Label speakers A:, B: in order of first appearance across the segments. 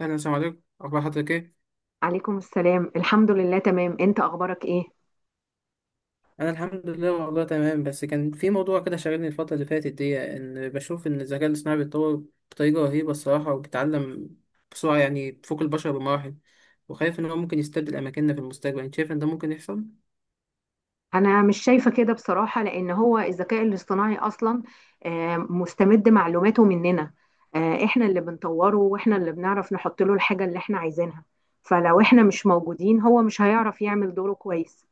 A: أهلا، السلام عليكم. أخبار حضرتك إيه؟
B: عليكم السلام، الحمد لله تمام. انت اخبارك ايه؟
A: أنا الحمد لله والله تمام، بس كان في موضوع كده شاغلني الفترة اللي فاتت دي، إن بشوف إن الذكاء الاصطناعي بيتطور بطريقة رهيبة الصراحة، وبيتعلم بسرعة، يعني بتفوق البشر بمراحل، وخايف إن هو ممكن يستبدل أماكننا في المستقبل. أنت شايف إن ده ممكن يحصل؟
B: انا مش شايفه كده بصراحه، لان هو الذكاء الاصطناعي اصلا مستمد معلوماته مننا. احنا اللي بنطوره واحنا اللي بنعرف نحط له الحاجه اللي احنا عايزينها. فلو احنا مش موجودين هو مش هيعرف يعمل دوره كويس.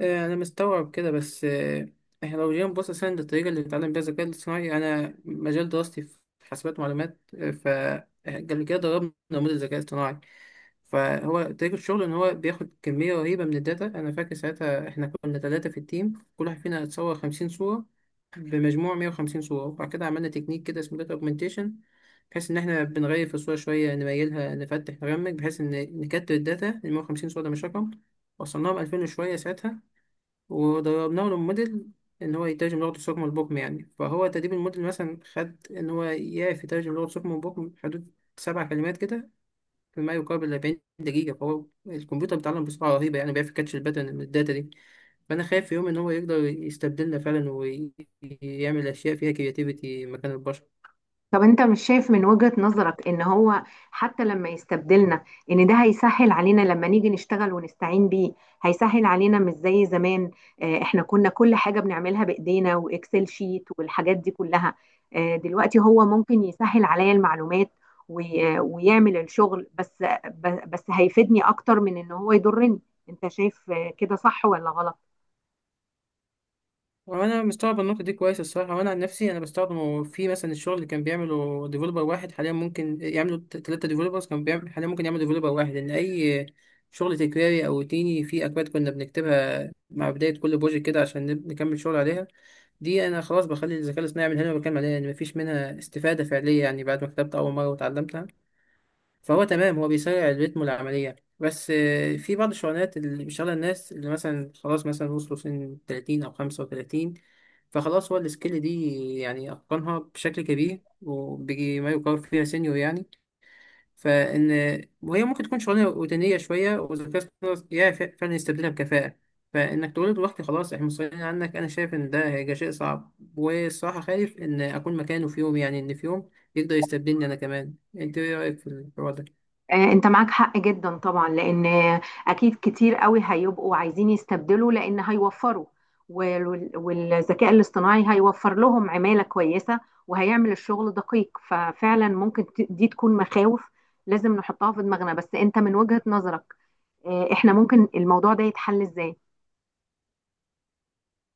A: آه، أنا مستوعب كده بس إحنا لو جينا نبص أساسا للطريقة اللي بيتعلم بيها الذكاء الاصطناعي، أنا مجال دراستي في حاسبات ومعلومات. آه، ف قبل كده دربنا نموذج ذكاء اصطناعي، فهو طريقة الشغل إن هو بياخد كمية رهيبة من الداتا. أنا فاكر ساعتها إحنا كنا 3 في التيم، كل واحد فينا اتصور 50 صورة، بمجموع 150 صورة، وبعد كده عملنا تكنيك كده اسمه داتا أوجمنتيشن، بحيث إن إحنا بنغير في الصورة شوية، نميلها، نفتح، نرمج، بحيث إن نكتر الداتا. المية وخمسين صورة ده مش رقم، وصلناهم 2000 وشوية ساعتها، ودربناه للموديل إن هو يترجم لغة الصم البكم يعني. فهو تدريب الموديل مثلا خد إن هو يعرف يترجم لغة الصم البكم حدود 7 كلمات كده في ما يقارب 40 دقيقة. فهو الكمبيوتر بيتعلم بسرعة رهيبة، يعني بيعرف يكاتش الباترن من الداتا دي. فأنا خايف في يوم إن هو يقدر يستبدلنا فعلا ويعمل أشياء فيها كرياتيفيتي مكان البشر.
B: طب انت مش شايف من وجهة نظرك ان هو حتى لما يستبدلنا ان ده هيسهل علينا لما نيجي نشتغل ونستعين بيه؟ هيسهل علينا مش زي زمان. اه، احنا كنا كل حاجة بنعملها بايدينا واكسل شيت والحاجات دي كلها. اه دلوقتي هو ممكن يسهل عليا المعلومات ويعمل الشغل، بس هيفيدني اكتر من ان هو يضرني. انت شايف اه كده صح ولا غلط؟
A: وأنا مستوعب النقطة دي كويس الصراحة، وأنا عن نفسي أنا بستخدمه. في مثلا الشغل اللي كان بيعمله ديفلوبر واحد، حاليا ممكن يعملوا 3 ديفلوبرز، كان بيعمل حاليا ممكن يعمل ديفلوبر واحد، لأن أي شغل تكراري أو روتيني في أكواد كنا بنكتبها مع بداية كل بروجكت كده عشان نكمل شغل عليها، دي انا خلاص بخلي الذكاء الاصطناعي يعمل. هنا بتكلم عليها يعني مفيش منها استفاده فعليه، يعني بعد ما كتبت اول مره وتعلمتها، فهو تمام، هو بيسرع الريتم والعمليه. بس في بعض الشغلانات اللي بيشتغلها الناس اللي مثلا خلاص مثلا وصلوا سن 30 او 35، فخلاص هو السكيل دي يعني اتقنها بشكل كبير، وبيجي ما يقارب فيها سينيور يعني، فان وهي ممكن تكون شغلانه روتينيه شويه، والذكاء الاصطناعي يعرف فعلا يستبدلها بكفاءه. فانك تقول له دلوقتي خلاص احنا مستغنيين عنك، انا شايف ان ده هيبقى شيء صعب، والصراحه خايف ان اكون مكانه في يوم، يعني ان في يوم يقدر يستبدلني انا كمان. انت ايه رايك في الحوار ده؟
B: انت معاك حق جدا طبعا، لان اكيد كتير قوي هيبقوا عايزين يستبدلوا لان هيوفروا. والذكاء الاصطناعي هيوفر لهم عمالة كويسة وهيعمل الشغل دقيق. ففعلا ممكن دي تكون مخاوف لازم نحطها في دماغنا. بس انت من وجهة نظرك، احنا ممكن الموضوع ده يتحل ازاي؟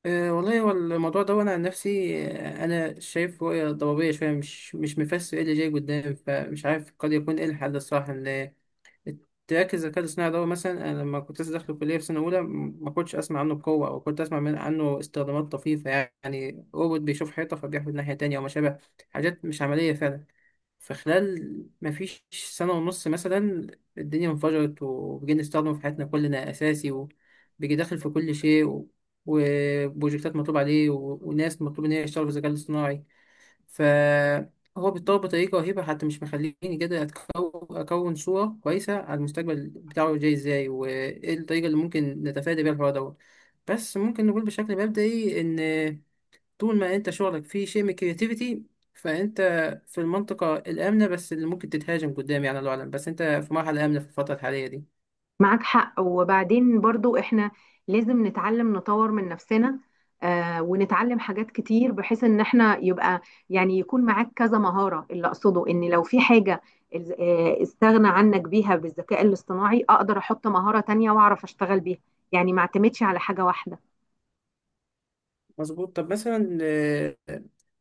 A: أه والله، هو الموضوع ده وانا عن نفسي انا شايف رؤيه ضبابيه شويه، مش مفسر ايه اللي جاي قدام، فمش عارف قد يكون ايه الحل الصح، ان تركز الذكاء الاصطناعي ده. مثلا انا لما كنت لسه داخل الكليه في سنه اولى ما كنتش اسمع عنه بقوه، او كنت اسمع من عنه استخدامات طفيفه، يعني روبوت بيشوف حيطه فبيحفر ناحيه تانية او ما شابه، حاجات مش عمليه فعلا. فخلال ما فيش سنه ونص مثلا، الدنيا انفجرت وبقينا نستخدمه في حياتنا كلنا اساسي، وبيجي داخل في كل شيء، و... وبروجكتات مطلوب عليه، و... وناس مطلوب ان هي تشتغل في الذكاء الاصطناعي. فهو بيتطور بطريقة رهيبة، حتى مش مخليني كده أكون صورة كويسة على المستقبل بتاعه جاي إزاي، وإيه الطريقة اللي ممكن نتفادى بيها الحوار دوت. بس ممكن نقول بشكل مبدئي إن طول ما أنت شغلك فيه شيء من الكرياتيفيتي، فأنت في المنطقة الآمنة، بس اللي ممكن تتهاجم قدام يعني الله أعلم، بس أنت في مرحلة آمنة في الفترة الحالية دي.
B: معاك حق. وبعدين برضو احنا لازم نتعلم نطور من نفسنا، آه، ونتعلم حاجات كتير بحيث ان احنا يبقى يعني يكون معاك كذا مهارة. اللي اقصده ان لو في حاجة استغنى عنك بيها بالذكاء الاصطناعي اقدر احط مهارة تانية واعرف اشتغل بيها. يعني ما اعتمدش على حاجة واحدة.
A: مظبوط. طب مثلا آه،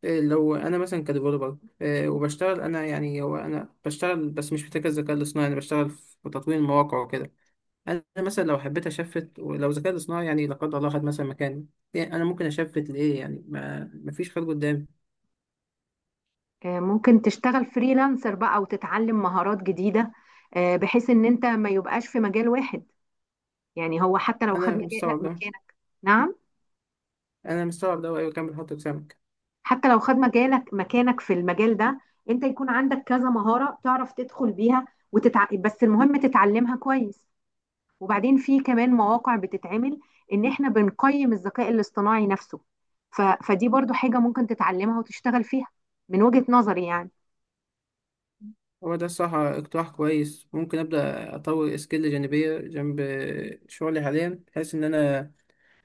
A: آه، لو انا مثلا كديفلوبر وبشتغل انا، يعني هو انا بشتغل بس مش محتاج الذكاء الاصطناعي، انا بشتغل في تطوير المواقع وكده، انا مثلا لو حبيت اشفت، ولو الذكاء الاصطناعي يعني لا قدر الله خد مثلا مكاني، يعني انا ممكن اشفت لايه، يعني ما مفيش خير قدامي.
B: آه ممكن تشتغل فريلانسر بقى وتتعلم مهارات جديدة، آه، بحيث ان انت ما يبقاش في مجال واحد. يعني هو حتى لو خد
A: انا
B: مجال لا
A: مستوعب ده.
B: مكانك. نعم.
A: انا مستوعب ده وايوه، كمل حط سمك.
B: حتى لو خد مجالك مكانك في المجال ده انت يكون عندك كذا مهارة تعرف تدخل بيها. بس المهم تتعلمها كويس. وبعدين في كمان مواقع بتتعمل ان احنا بنقيم الذكاء الاصطناعي نفسه. فدي برضو حاجة ممكن تتعلمها وتشتغل فيها، من وجهة نظري يعني.
A: هو ده الصراحة اقتراح كويس، ممكن أبدأ أطور سكيل جانبية جنب شغلي حاليا، بحيث إن أنا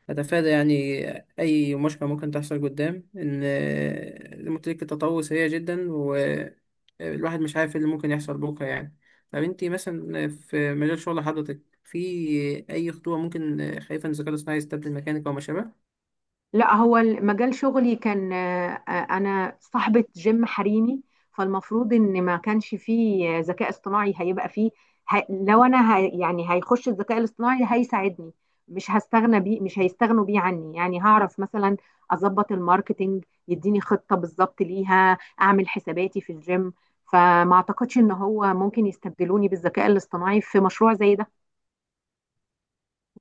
A: أتفادى يعني أي مشكلة ممكن تحصل قدام، إن زي ما قلت لك التطور سريع جدا والواحد مش عارف إيه اللي ممكن يحصل بكرة يعني. طب أنتي مثلا في مجال شغل حضرتك في أي خطوة ممكن خايفة إن الذكاء الاصطناعي يستبدل مكانك أو ما شابه؟
B: لا، هو مجال شغلي كان انا صاحبة جيم حريمي. فالمفروض ان ما كانش فيه ذكاء اصطناعي هيبقى فيه. لو انا يعني هيخش الذكاء الاصطناعي هيساعدني، مش هستغنى بيه، مش هيستغنوا بيه عني. يعني هعرف مثلا اظبط الماركتينج، يديني خطة بالظبط ليها، اعمل حساباتي في الجيم. فما اعتقدش ان هو ممكن يستبدلوني بالذكاء الاصطناعي في مشروع زي ده.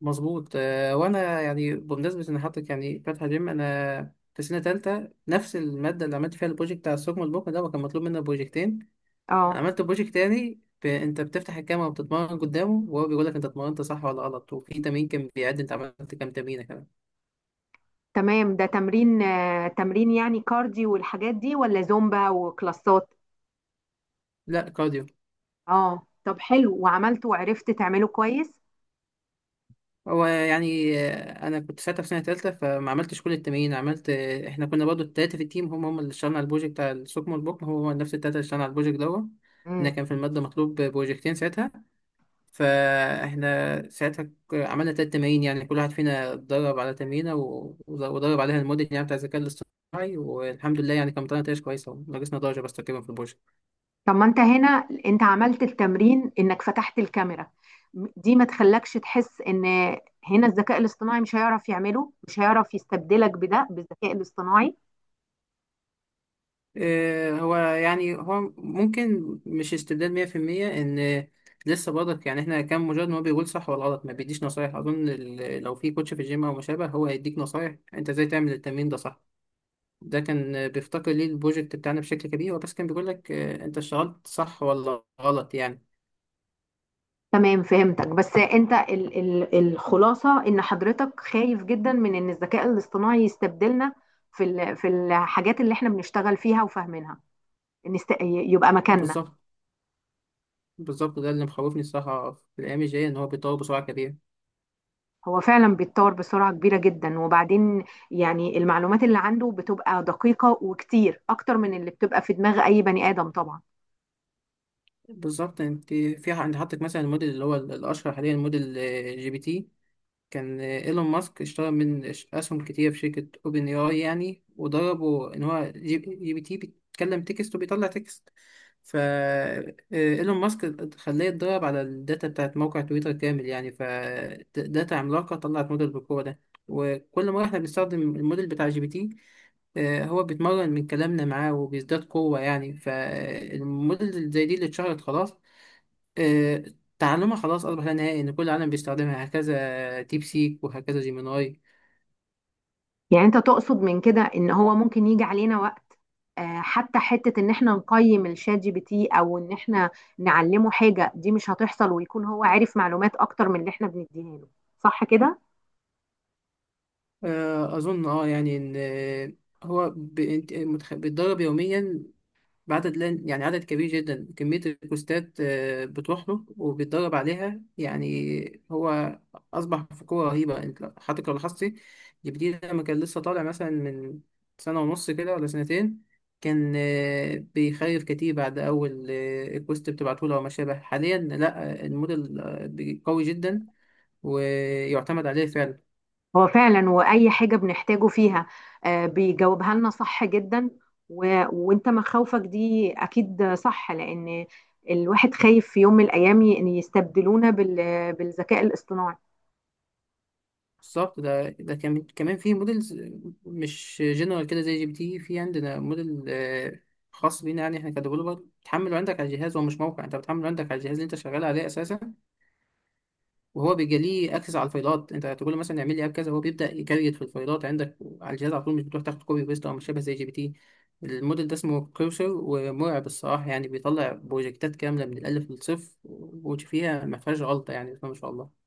A: مظبوط. وأنا يعني بمناسبة إن حضرتك يعني فاتحة جيم، أنا في سنة تالتة نفس المادة اللي عملت فيها البروجكت بتاع الثقب البكرة ده، وكان مطلوب منا بروجكتين. انا
B: اه
A: عملت بروجكت تاني، انت بتفتح الكاميرا وبتتمرن قدامه، وهو بيقول لك انت اتمرنت صح ولا غلط، وفي تمرين كان بيعد انت عملت كام تمرينه كمان.
B: تمام. ده تمرين تمرين يعني كارديو والحاجات دي ولا زومبا وكلاسات؟
A: لا، كارديو.
B: اه طب حلو، وعملته وعرفت تعمله كويس؟
A: هو يعني انا كنت ساعتها في سنه تالتة فما عملتش كل التمرين، عملت احنا كنا برضو التلاته في التيم، هم اللي اشتغلنا على البروجكت بتاع السوكمو البوكم، هو هو نفس التلاته اللي اشتغلنا على البروجكت دوت، لان
B: مم.
A: كان في الماده مطلوب بروجكتين ساعتها. فاحنا ساعتها عملنا 3 تمارين، يعني كل واحد فينا اتدرب على تمرينة ودرب عليها الموديل يعني بتاع الذكاء الاصطناعي. والحمد لله يعني كان طلعنا نتائج كويسة، وناقصنا درجة بس تقريبا في البروجكت.
B: طب ما انت هنا انت عملت التمرين انك فتحت الكاميرا، دي ما تخلكش تحس ان هنا الذكاء الاصطناعي مش هيعرف يعمله، مش هيعرف يستبدلك بده بالذكاء الاصطناعي؟
A: هو يعني هو ممكن مش استبدال 100%، ان لسه برضك يعني، احنا كان مجرد ان هو بيقول صح ولا غلط، ما بيديش نصايح، اظن لو في كوتش في الجيم او ما شابه هو هيديك نصايح انت ازاي تعمل التمرين ده صح. ده كان بيفتقر ليه البروجكت بتاعنا بشكل كبير، هو بس كان بيقول لك انت اشتغلت صح ولا غلط يعني.
B: تمام، فهمتك. بس انت ال ال الخلاصة ان حضرتك خايف جدا من ان الذكاء الاصطناعي يستبدلنا في الحاجات اللي احنا بنشتغل فيها وفاهمينها، يبقى مكاننا.
A: بالظبط. بالظبط ده اللي مخوفني الصراحة في الأيام الجاية، إن هو بيتطور بسرعة كبيرة.
B: هو فعلا بيتطور بسرعة كبيرة جدا. وبعدين يعني المعلومات اللي عنده بتبقى دقيقة وكتير أكتر من اللي بتبقى في دماغ أي بني آدم طبعا.
A: بالظبط. أنت في أنت حاطط مثلا الموديل اللي هو الأشهر حاليا، الموديل جي بي تي، كان إيلون ماسك اشترى من أسهم كتير في شركة أوبن أي آي يعني. وضربه إن هو جي بي تي بيتكلم تكست وبيطلع تكست، فا إيلون ماسك خلاه يتدرب على الداتا بتاعت موقع تويتر كامل يعني، فداتا عملاقة طلعت موديل بالقوة ده. وكل ما احنا بنستخدم الموديل بتاع جي بي تي، هو بيتمرن من كلامنا معاه وبيزداد قوة يعني. فالموديل زي دي اللي اتشهرت خلاص آه، تعلمها خلاص أصبح لا نهائي، إن كل العالم بيستخدمها، هكذا ديب سيك وهكذا جيميناي.
B: يعني أنت تقصد من كده إن هو ممكن يجي علينا وقت، حتى حتة إن إحنا نقيم الشات GPT أو إن إحنا نعلمه حاجة دي مش هتحصل، ويكون هو عارف معلومات أكتر من اللي إحنا بنديها له، صح كده؟
A: أظن أه يعني إن هو بيتدرب يوميا بعدد، لان يعني عدد كبير جدا كمية البوستات بتروح له وبيتدرب عليها، يعني هو أصبح في قوة رهيبة. أنت حضرتك لو لاحظتي جبديه لما كان لسه طالع مثلا من سنة ونص كده ولا سنتين، كان بيخيف كتير. بعد أول البوست بتبعته له أو ما شابه، حاليا لأ الموديل قوي جدا ويعتمد عليه فعلا.
B: هو فعلا واي حاجه بنحتاجه فيها بيجاوبها لنا صح جدا. و... وانت مخاوفك دي اكيد صح، لان الواحد خايف في يوم من الايام ان يستبدلونا بالذكاء الاصطناعي.
A: بالظبط. ده كمان في موديلز مش جنرال كده زي جي بي تي، في عندنا موديل خاص بينا يعني احنا كديفلوبر، بتحمله عندك على الجهاز، هو مش موقع، انت بتحمله عندك على الجهاز اللي انت شغال عليه اساسا، وهو بيبقى ليه اكسس على الفايلات. انت تقول له مثلا اعمل لي اب كذا، هو بيبدا يكريت في الفايلات عندك على الجهاز على طول، مش بتروح تاخد كوبي بيست، او مش شبه زي جي بي تي. الموديل ده اسمه كروسر، ومرعب الصراحه يعني، بيطلع بروجكتات كامله من الالف للصفر وفيها ما فيهاش غلطه يعني، بسم الله ما شاء الله.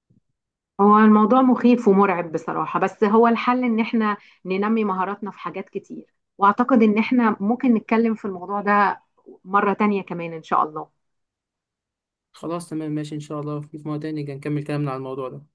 B: هو الموضوع مخيف ومرعب بصراحه. بس هو الحل ان احنا ننمي مهاراتنا في حاجات كتير. واعتقد ان احنا ممكن نتكلم في الموضوع ده مره تانية كمان ان شاء الله.
A: خلاص، تمام، ماشي، إن شاء الله في مرة تاني نبقى نكمل كلامنا على الموضوع ده.